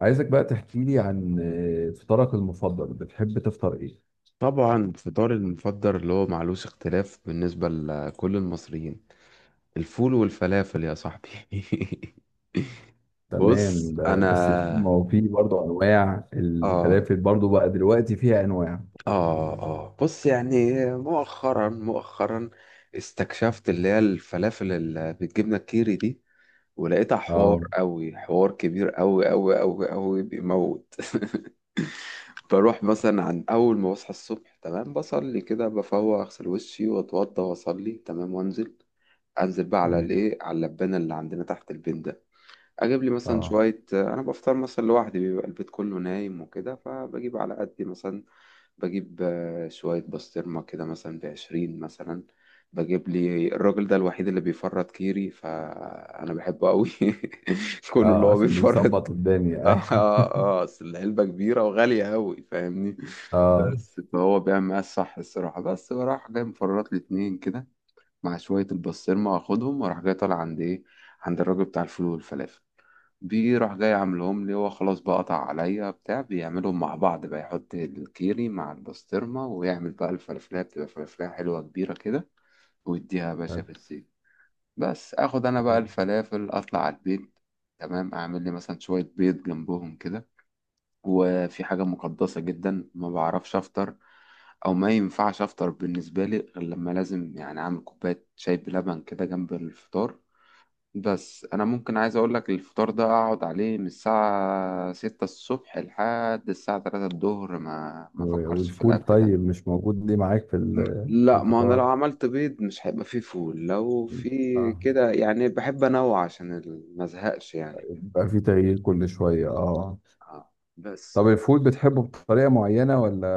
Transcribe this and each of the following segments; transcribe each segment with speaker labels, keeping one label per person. Speaker 1: عايزك بقى تحكي لي عن فطارك المفضل، بتحب تفطر ايه؟
Speaker 2: طبعا فطاري المفضل اللي هو معلوش اختلاف بالنسبة لكل المصريين، الفول والفلافل يا صاحبي. بص
Speaker 1: تمام، بس ما
Speaker 2: انا.
Speaker 1: هو في برضه انواع
Speaker 2: اه
Speaker 1: الفلافل، برضه بقى دلوقتي فيها انواع.
Speaker 2: اه بص يعني مؤخرا مؤخرا استكشفت اللي هي الفلافل اللي بالجبنة الكيري دي، ولقيتها حوار
Speaker 1: اه.
Speaker 2: قوي، حوار كبير قوي قوي قوي قوي بيموت. بروح مثلا عن اول ما بصحى الصبح، تمام، بصلي كده، بفوق اغسل وشي واتوضى واصلي، تمام، وانزل بقى على
Speaker 1: تمام.
Speaker 2: الايه، على اللبانه اللي عندنا تحت البيت ده، اجيب لي مثلا
Speaker 1: اه،
Speaker 2: شويه. انا بفطر مثلا لوحدي، بيبقى البيت كله نايم وكده، فبجيب على قدي مثلا. بجيب شويه بسطرمه كده مثلا بعشرين مثلا. بجيب لي الراجل ده الوحيد اللي بيفرط كيري، فانا بحبه قوي. كونه اللي
Speaker 1: اه،
Speaker 2: هو
Speaker 1: عشان
Speaker 2: بيفرط.
Speaker 1: بيظبط الدنيا،
Speaker 2: اه
Speaker 1: ايوه.
Speaker 2: اه، اصل العلبه كبيره وغاليه قوي فاهمني.
Speaker 1: اه.
Speaker 2: بس فهو بيعمل معايا الصح، الصراحه. بس بروح جاي مفرط لي اتنين كده مع شوية البسطرمة، واخدهم واروح جاي طالع عند ايه، عند الراجل بتاع الفول والفلافل. بيجي راح جاي عاملهم لي، هو خلاص بقى قطع عليا بتاع، بيعملهم مع بعض بقى، يحط الكيري مع البسطرمة ويعمل بقى الفلافلية، بتبقى فلافلية حلوة كبيرة كده، ويديها يا باشا في الزيت. بس اخد انا بقى
Speaker 1: طيب،
Speaker 2: الفلافل اطلع على البيت. تمام، اعمل لي مثلا شوية بيض جنبهم كده. وفي حاجة مقدسة جدا، ما بعرفش أفطر أو ما ينفعش أفطر بالنسبة لي، غير لما لازم يعني أعمل كوباية شاي بلبن كده جنب الفطار. بس أنا ممكن عايز أقولك، الفطار ده أقعد عليه من الساعة 6 الصبح لحد الساعة 3 الظهر، ما فكرش في
Speaker 1: والفول
Speaker 2: الأكل ده.
Speaker 1: طيب مش موجود ليه معاك في في
Speaker 2: لا، ما أنا
Speaker 1: الفطار؟
Speaker 2: لو عملت بيض مش هيبقى فيه فول، لو في
Speaker 1: اه.
Speaker 2: كده يعني. بحب أنوع عشان ما أزهقش يعني كده.
Speaker 1: بقى في تغيير كل شوية، اه.
Speaker 2: بس.
Speaker 1: طب، الفول بتحبه بطريقة معينة ولا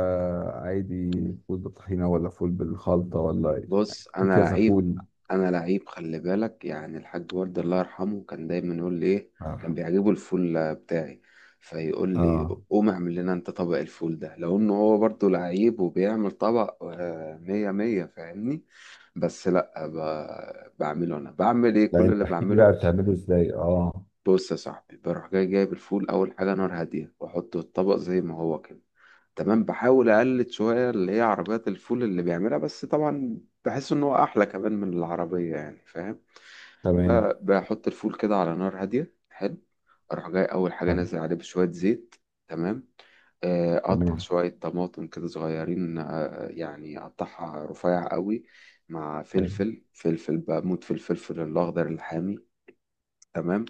Speaker 1: عادي؟ فول بالطحينة ولا فول بالخلطة ولا إيه؟
Speaker 2: بص
Speaker 1: في
Speaker 2: انا
Speaker 1: كذا
Speaker 2: لعيب،
Speaker 1: فول.
Speaker 2: انا لعيب خلي بالك، يعني الحاج ورد الله يرحمه كان دايما يقول لي ايه، كان
Speaker 1: آه.
Speaker 2: بيعجبه الفول بتاعي، فيقول لي
Speaker 1: اه،
Speaker 2: قوم اعمل لنا انت طبق الفول ده، لو انه هو برضه لعيب وبيعمل طبق مية مية فاهمني. بس لا، بعمله انا، بعمل ايه؟
Speaker 1: لا
Speaker 2: كل
Speaker 1: انت
Speaker 2: اللي
Speaker 1: احكي لي بقى
Speaker 2: بعمله:
Speaker 1: بتعمله ازاي، اه.
Speaker 2: بص يا صاحبي، بروح جاي جايب الفول، اول حاجه نار هاديه واحطه الطبق زي ما هو كده. تمام، بحاول اقلد شويه اللي هي عربيات الفول اللي بيعملها، بس طبعا بحس ان هو احلى كمان من العربيه يعني، فاهم.
Speaker 1: تمام.
Speaker 2: بحط الفول كده على نار هاديه، حلو. اروح جاي اول حاجه
Speaker 1: حلو.
Speaker 2: نازل عليه بشويه زيت. تمام. اقطع
Speaker 1: تمام.
Speaker 2: شويه طماطم كده صغيرين، يعني اقطعها رفيع قوي، مع
Speaker 1: حلو.
Speaker 2: فلفل. فلفل، بموت في الفلفل الاخضر الحامي. تمام.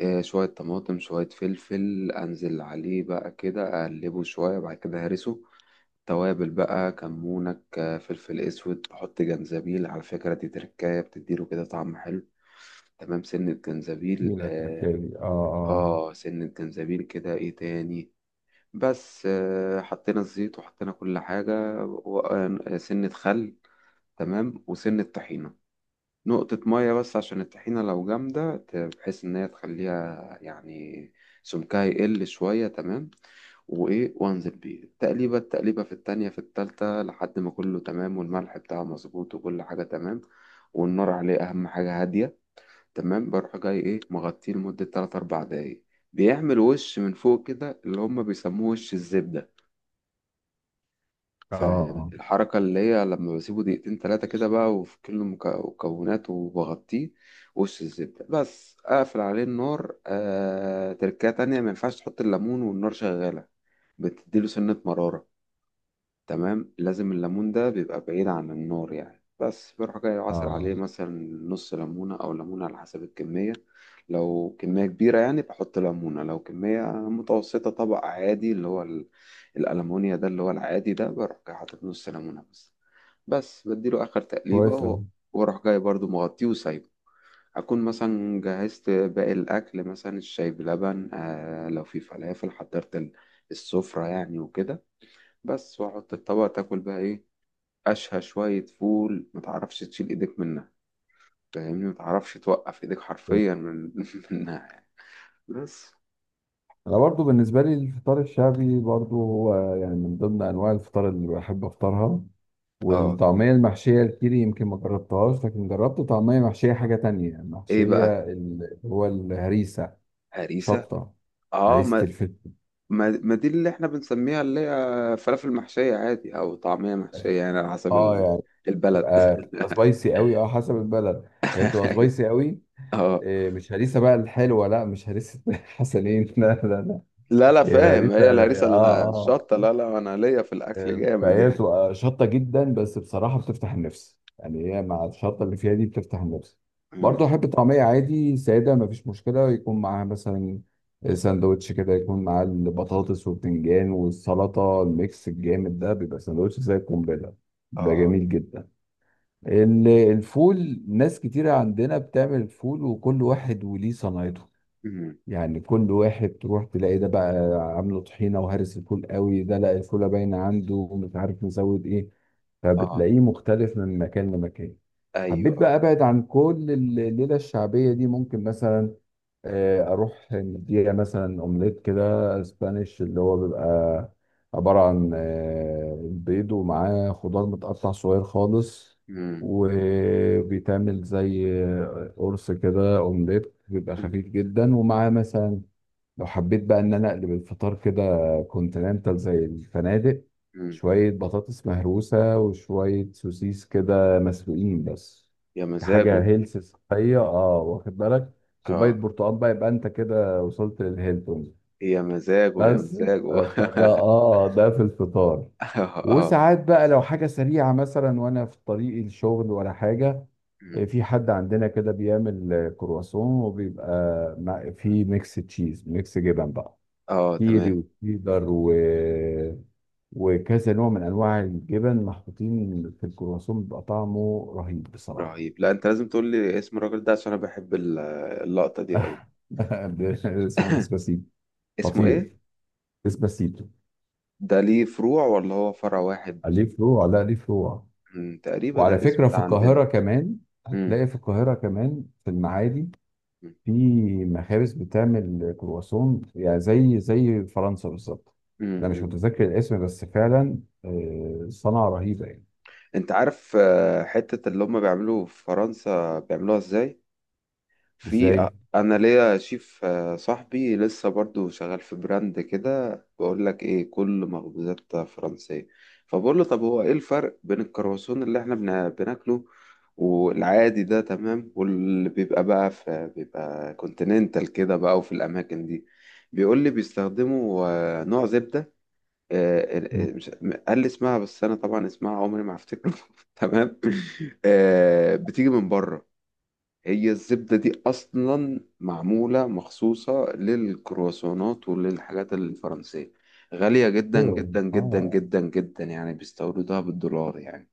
Speaker 2: شويه طماطم شويه فلفل، انزل عليه بقى كده، اقلبه شويه، بعد كده هرسه. توابل بقى، كمونك، فلفل اسود، تحط جنزبيل، على فكرة دي تركاية بتديله كده طعم حلو. تمام، سنة جنزبيل.
Speaker 1: جميل
Speaker 2: اه،
Speaker 1: التركيبي، اه. اه.
Speaker 2: آه سنة جنزبيل كده، ايه تاني؟ بس آه حطينا الزيت وحطينا كل حاجة، وسنة خل. تمام، وسنة طحينة، نقطة مية بس، عشان الطحينة لو جامدة بحيث إن هي تخليها يعني سمكها يقل شوية. تمام، وإيه؟ وأنزل بيه تقليبة، تقليبة في التانية في التالتة لحد ما كله تمام، والملح بتاعه مظبوط وكل حاجة تمام، والنار عليه أهم حاجة، هادية. تمام، بروح جاي إيه، مغطيه لمدة تلات أربع دقايق. بيعمل وش من فوق كده، اللي هما بيسموه وش الزبدة.
Speaker 1: اه.
Speaker 2: فالحركة اللي هي لما بسيبه دقيقتين تلاتة كده بقى، وفي كل مكوناته، وبغطيه وش الزبدة، بس أقفل عليه النار. تركية تانية، ما ينفعش تحط الليمون والنار شغالة، بتديله سنة مرارة. تمام، لازم الليمون ده بيبقى بعيد عن النار يعني. بس بروح جاي عصر
Speaker 1: اه.
Speaker 2: عليه مثلا نص ليمونة أو ليمونة على حسب الكمية. لو كمية كبيرة يعني بحط ليمونة، لو كمية متوسطة طبق عادي اللي هو الألمونيا ده اللي هو العادي ده، بروح جاي حاطط نص ليمونة بس. بس بديله آخر تقليبة
Speaker 1: كويس أوي.
Speaker 2: وأروح جاي برضو مغطيه وسايبه. أكون مثلا جهزت باقي الأكل، مثلا الشاي بلبن، لو في فلافل حضرت السفرة يعني وكده. بس، واحط الطبق. تاكل بقى ايه؟ أشهى شوية فول، ما تعرفش تشيل إيدك منها. فاهمني، ما تعرفش توقف إيدك حرفيا من منها يعني. بس.
Speaker 1: انا برضو بالنسبة لي الفطار الشعبي برضو هو يعني من ضمن انواع الفطار اللي بحب افطرها.
Speaker 2: اه.
Speaker 1: والطعمية المحشية الكيري يمكن ما جربتهاش، لكن جربت طعمية محشية حاجة تانية
Speaker 2: إيه بقى؟
Speaker 1: محشية اللي هو الهريسة.
Speaker 2: هريسة.
Speaker 1: شطة.
Speaker 2: اه،
Speaker 1: هريسة
Speaker 2: ما
Speaker 1: الفلفل.
Speaker 2: ما ما دي اللي احنا بنسميها اللي هي فلافل محشية عادي أو طعمية محشية، يعني على حسب
Speaker 1: اه يعني
Speaker 2: البلد.
Speaker 1: بتبقى سبايسي قوي، اه، حسب البلد هي بتبقى سبايسي قوي.
Speaker 2: اه،
Speaker 1: إيه، مش هريسة بقى الحلوة. لا مش هريسة. حسنين، لا لا لا.
Speaker 2: لا لا،
Speaker 1: هي
Speaker 2: فاهم،
Speaker 1: الهريسة،
Speaker 2: هي الهريسة
Speaker 1: اه اه.
Speaker 2: الشطة. لا لا، أنا ليا في الأكل جامد
Speaker 1: فهي
Speaker 2: يعني.
Speaker 1: بتبقى شطة جدا، بس بصراحة بتفتح النفس، يعني هي مع الشطة اللي فيها دي بتفتح النفس.
Speaker 2: مم.
Speaker 1: برضه أحب طعمية عادي سادة، مفيش مشكلة يكون معاها مثلا ساندوتش كده، يكون معاه البطاطس والبتنجان والسلطة الميكس الجامد ده، بيبقى ساندوتش زي القنبلة، بيبقى
Speaker 2: اه.
Speaker 1: جميل جدا. الفول ناس كتيرة عندنا بتعمل الفول، وكل واحد وليه صنايعه.
Speaker 2: مم.
Speaker 1: يعني كل واحد تروح تلاقي ده بقى عامله طحينه وهرس الفول قوي، ده لا الفوله باينه عنده ومش عارف نزود ايه.
Speaker 2: اه.
Speaker 1: فبتلاقيه مختلف من مكان لمكان. حبيت
Speaker 2: أيوه.
Speaker 1: بقى ابعد عن كل الليله الشعبيه دي. ممكن مثلا اروح نديها مثلا اومليت كده، اسبانيش، اللي هو بيبقى عباره عن بيض ومعاه خضار متقطع صغير خالص.
Speaker 2: مم.
Speaker 1: وبيتعمل زي قرص كده اومليت، بيبقى
Speaker 2: مم.
Speaker 1: خفيف جدا ومعاه مثلا، لو حبيت بقى ان انا اقلب الفطار كده، كونتيننتال زي الفنادق.
Speaker 2: مم.
Speaker 1: شوية بطاطس مهروسة وشوية سوسيس كده مسلوقين بس،
Speaker 2: يا
Speaker 1: حاجة
Speaker 2: مزاجه.
Speaker 1: هيلث صحية، اه، واخد بالك، كوباية
Speaker 2: اه.
Speaker 1: برتقال بقى، يبقى انت كده وصلت للهيلتون.
Speaker 2: يا مزاجه، يا
Speaker 1: بس
Speaker 2: مزاجه.
Speaker 1: فده، اه، ده في الفطار.
Speaker 2: اه اه.
Speaker 1: وساعات بقى لو حاجة سريعة مثلا، وانا في طريق الشغل ولا حاجة،
Speaker 2: مم.
Speaker 1: في حد عندنا كده بيعمل كرواسون، وبيبقى فيه ميكس تشيز، ميكس جبن بقى،
Speaker 2: اه.
Speaker 1: كيري
Speaker 2: تمام.
Speaker 1: وتشيدر وكذا نوع من انواع الجبن محطوطين في الكرواسون، بيبقى طعمه رهيب بصراحه.
Speaker 2: رهيب. لا، انت لازم تقول لي اسم الراجل ده، عشان انا بحب اللقطة دي قوي.
Speaker 1: اسمه ديسباسيتو.
Speaker 2: اسمه ايه؟
Speaker 1: خطير. ديسباسيتو.
Speaker 2: ده ليه فروع ولا هو فرع واحد؟
Speaker 1: عليه فروع، لا ليه فروع.
Speaker 2: مم، تقريبا
Speaker 1: وعلى
Speaker 2: الاسم
Speaker 1: فكره
Speaker 2: ده
Speaker 1: في
Speaker 2: عندنا.
Speaker 1: القاهره كمان،
Speaker 2: مم.
Speaker 1: هتلاقي في القاهره كمان في المعادي،
Speaker 2: مم.
Speaker 1: في مخابز بتعمل كرواسون، يعني زي فرنسا بالظبط.
Speaker 2: مم.
Speaker 1: انا مش
Speaker 2: مم.
Speaker 1: متذكر الاسم، بس فعلا صنعه رهيبه يعني.
Speaker 2: انت عارف حتة اللي هم بيعملوا في فرنسا بيعملوها ازاي؟ في
Speaker 1: ازاي؟
Speaker 2: انا ليا شيف صاحبي لسه برضو شغال في براند كده، بقول لك ايه، كل مخبوزات فرنسية. فبقول له طب هو ايه الفرق بين الكرواسون اللي احنا بناكله والعادي ده، تمام، واللي بيبقى بقى في، بيبقى كونتيننتال كده بقى وفي الاماكن دي. بيقول لي بيستخدموا نوع زبدة،
Speaker 1: مم.
Speaker 2: مش قال لي اسمها، بس انا طبعا اسمها عمري ما هفتكره. تمام، بتيجي من بره. هي الزبدة دي أصلا معمولة مخصوصة للكرواسونات وللحاجات الفرنسية، غالية جدا
Speaker 1: كده.
Speaker 2: جدا جدا
Speaker 1: اه،
Speaker 2: جدا جدا يعني، بيستوردوها بالدولار يعني.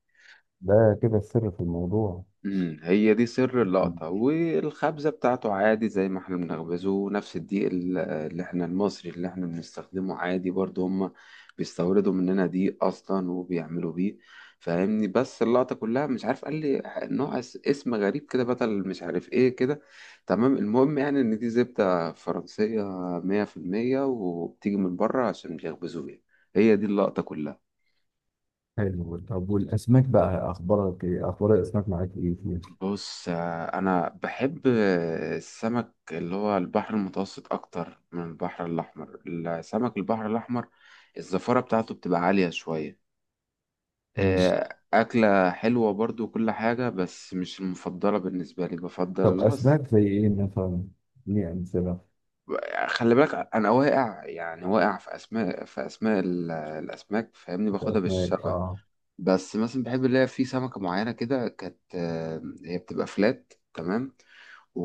Speaker 1: ده كده السر في الموضوع.
Speaker 2: امم، هي دي سر
Speaker 1: مم.
Speaker 2: اللقطة. والخبزة بتاعته عادي زي ما احنا بنخبزه، نفس الدقيق اللي احنا المصري اللي احنا بنستخدمه عادي، برضه هما بيستوردوا مننا دقيق اصلا وبيعملوا بيه فاهمني. بس اللقطة كلها، مش عارف، قال لي نوع اسم غريب كده، بدل مش عارف ايه كده. تمام، المهم يعني ان دي زبدة فرنسية مية في المية وبتيجي من بره، عشان بيخبزوا بيها. هي دي اللقطة كلها.
Speaker 1: حلو. طب والاسماك بقى، اخبارك ايه؟ اخبار الاسماك معاك ايه فيها؟
Speaker 2: بص، انا بحب السمك اللي هو البحر المتوسط اكتر من البحر الاحمر. السمك البحر الاحمر، الزفارة بتاعته بتبقى عالية شوية،
Speaker 1: مم.
Speaker 2: اكلة حلوة برضو وكل حاجة، بس مش المفضلة بالنسبة لي. بفضل
Speaker 1: طب
Speaker 2: اللي هو
Speaker 1: اسماك زي ايه مثلا؟ دي امثله
Speaker 2: خلي بالك، انا واقع يعني، واقع في اسماء الاسماك، فاهمني، باخدها
Speaker 1: اسماك،
Speaker 2: بالشبه.
Speaker 1: اه.
Speaker 2: بس مثلا بحب اللي هي، في سمكة معينة كده كانت هي بتبقى فلات، تمام،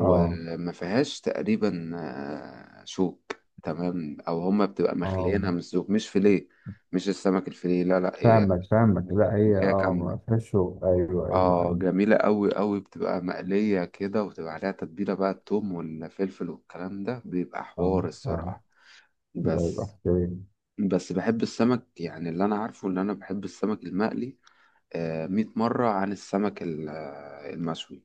Speaker 1: اه.
Speaker 2: فيهاش تقريبا شوك. تمام، او هما بتبقى
Speaker 1: اه.
Speaker 2: مخليينها من الزوج مش فيليه، مش السمك الفيليه. لا لا، هي
Speaker 1: فاهمك فاهمك، لا هي
Speaker 2: سمكية
Speaker 1: اه
Speaker 2: كاملة.
Speaker 1: ما فيهاش شغل. ايوه ايوه
Speaker 2: اه،
Speaker 1: ايوه،
Speaker 2: جميلة قوي قوي، بتبقى مقلية كده، وتبقى عليها تتبيلة بقى، التوم والفلفل والكلام ده بيبقى
Speaker 1: اه
Speaker 2: حوار
Speaker 1: اه.
Speaker 2: الصراحة.
Speaker 1: ده يبقى
Speaker 2: بس
Speaker 1: حكايه.
Speaker 2: بس بحب السمك، يعني اللي انا عارفه ان انا بحب السمك المقلي 100 مرة عن السمك المشوي.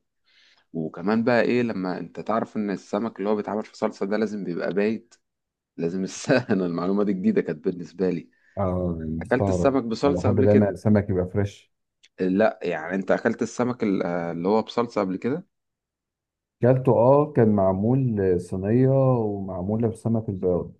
Speaker 2: وكمان بقى ايه، لما انت تعرف ان السمك اللي هو بيتعمل في صلصة ده لازم بيبقى بايت، لازم السمك. انا المعلومة دي جديدة كانت بالنسبة لي.
Speaker 1: اه،
Speaker 2: اكلت
Speaker 1: مستغرب.
Speaker 2: السمك
Speaker 1: انا
Speaker 2: بصلصة
Speaker 1: بحب
Speaker 2: قبل
Speaker 1: دايما
Speaker 2: كده؟
Speaker 1: السمك يبقى فريش.
Speaker 2: لا، يعني انت اكلت السمك اللي هو بصلصة قبل كده؟
Speaker 1: كلته، اه، كان معمول صينيه ومعموله بسمك البياض.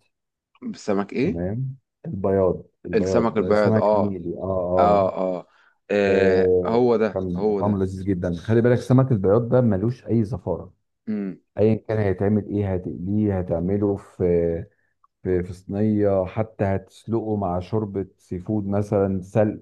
Speaker 2: بالسمك ايه؟
Speaker 1: تمام. البياض،
Speaker 2: السمك
Speaker 1: البياض
Speaker 2: البيض.
Speaker 1: سمك
Speaker 2: اه.
Speaker 1: نيلي، اه اه.
Speaker 2: اه. اه، آه،
Speaker 1: آه،
Speaker 2: هو ده
Speaker 1: كان
Speaker 2: هو
Speaker 1: طعمه
Speaker 2: ده.
Speaker 1: لذيذ جدا. خلي بالك سمك البياض ده ملوش اي زفاره.
Speaker 2: امم.
Speaker 1: ايا كان هيتعمل ايه، هتقليه، هتعمله في صينيه، حتى هتسلقه مع شوربه سي فود مثلا سلق.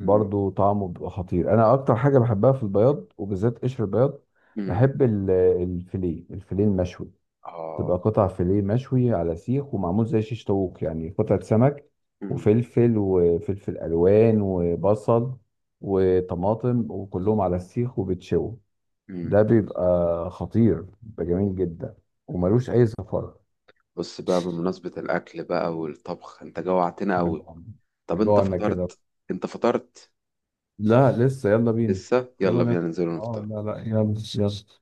Speaker 2: امم.
Speaker 1: طعمه بيبقى خطير. انا اكتر حاجه بحبها في البياض، وبالذات قشر البياض.
Speaker 2: امم.
Speaker 1: بحب الفيليه المشوي.
Speaker 2: اه.
Speaker 1: تبقى قطع فيليه مشوي على سيخ، ومعمول زي شيش طاووق، يعني قطعة سمك
Speaker 2: امم.
Speaker 1: وفلفل وفلفل ألوان وبصل وطماطم وكلهم على السيخ وبتشوي.
Speaker 2: امم.
Speaker 1: ده بيبقى خطير، بيبقى جميل جدا،
Speaker 2: أمم.
Speaker 1: وملوش أي زفرة.
Speaker 2: بص بقى بمناسبة الأكل بقى والطبخ، أنت جوعتنا
Speaker 1: إحنا
Speaker 2: أوي.
Speaker 1: جوعنا.
Speaker 2: طب
Speaker 1: إحنا
Speaker 2: أنت
Speaker 1: جوعنا كده.
Speaker 2: فطرت؟ أنت فطرت؟
Speaker 1: لا لسه، يلا بينا.
Speaker 2: لسه.
Speaker 1: يلا
Speaker 2: يلا بينا
Speaker 1: ناكل.
Speaker 2: ننزل
Speaker 1: اه
Speaker 2: ونفطر.
Speaker 1: لا لا، يلا يلا.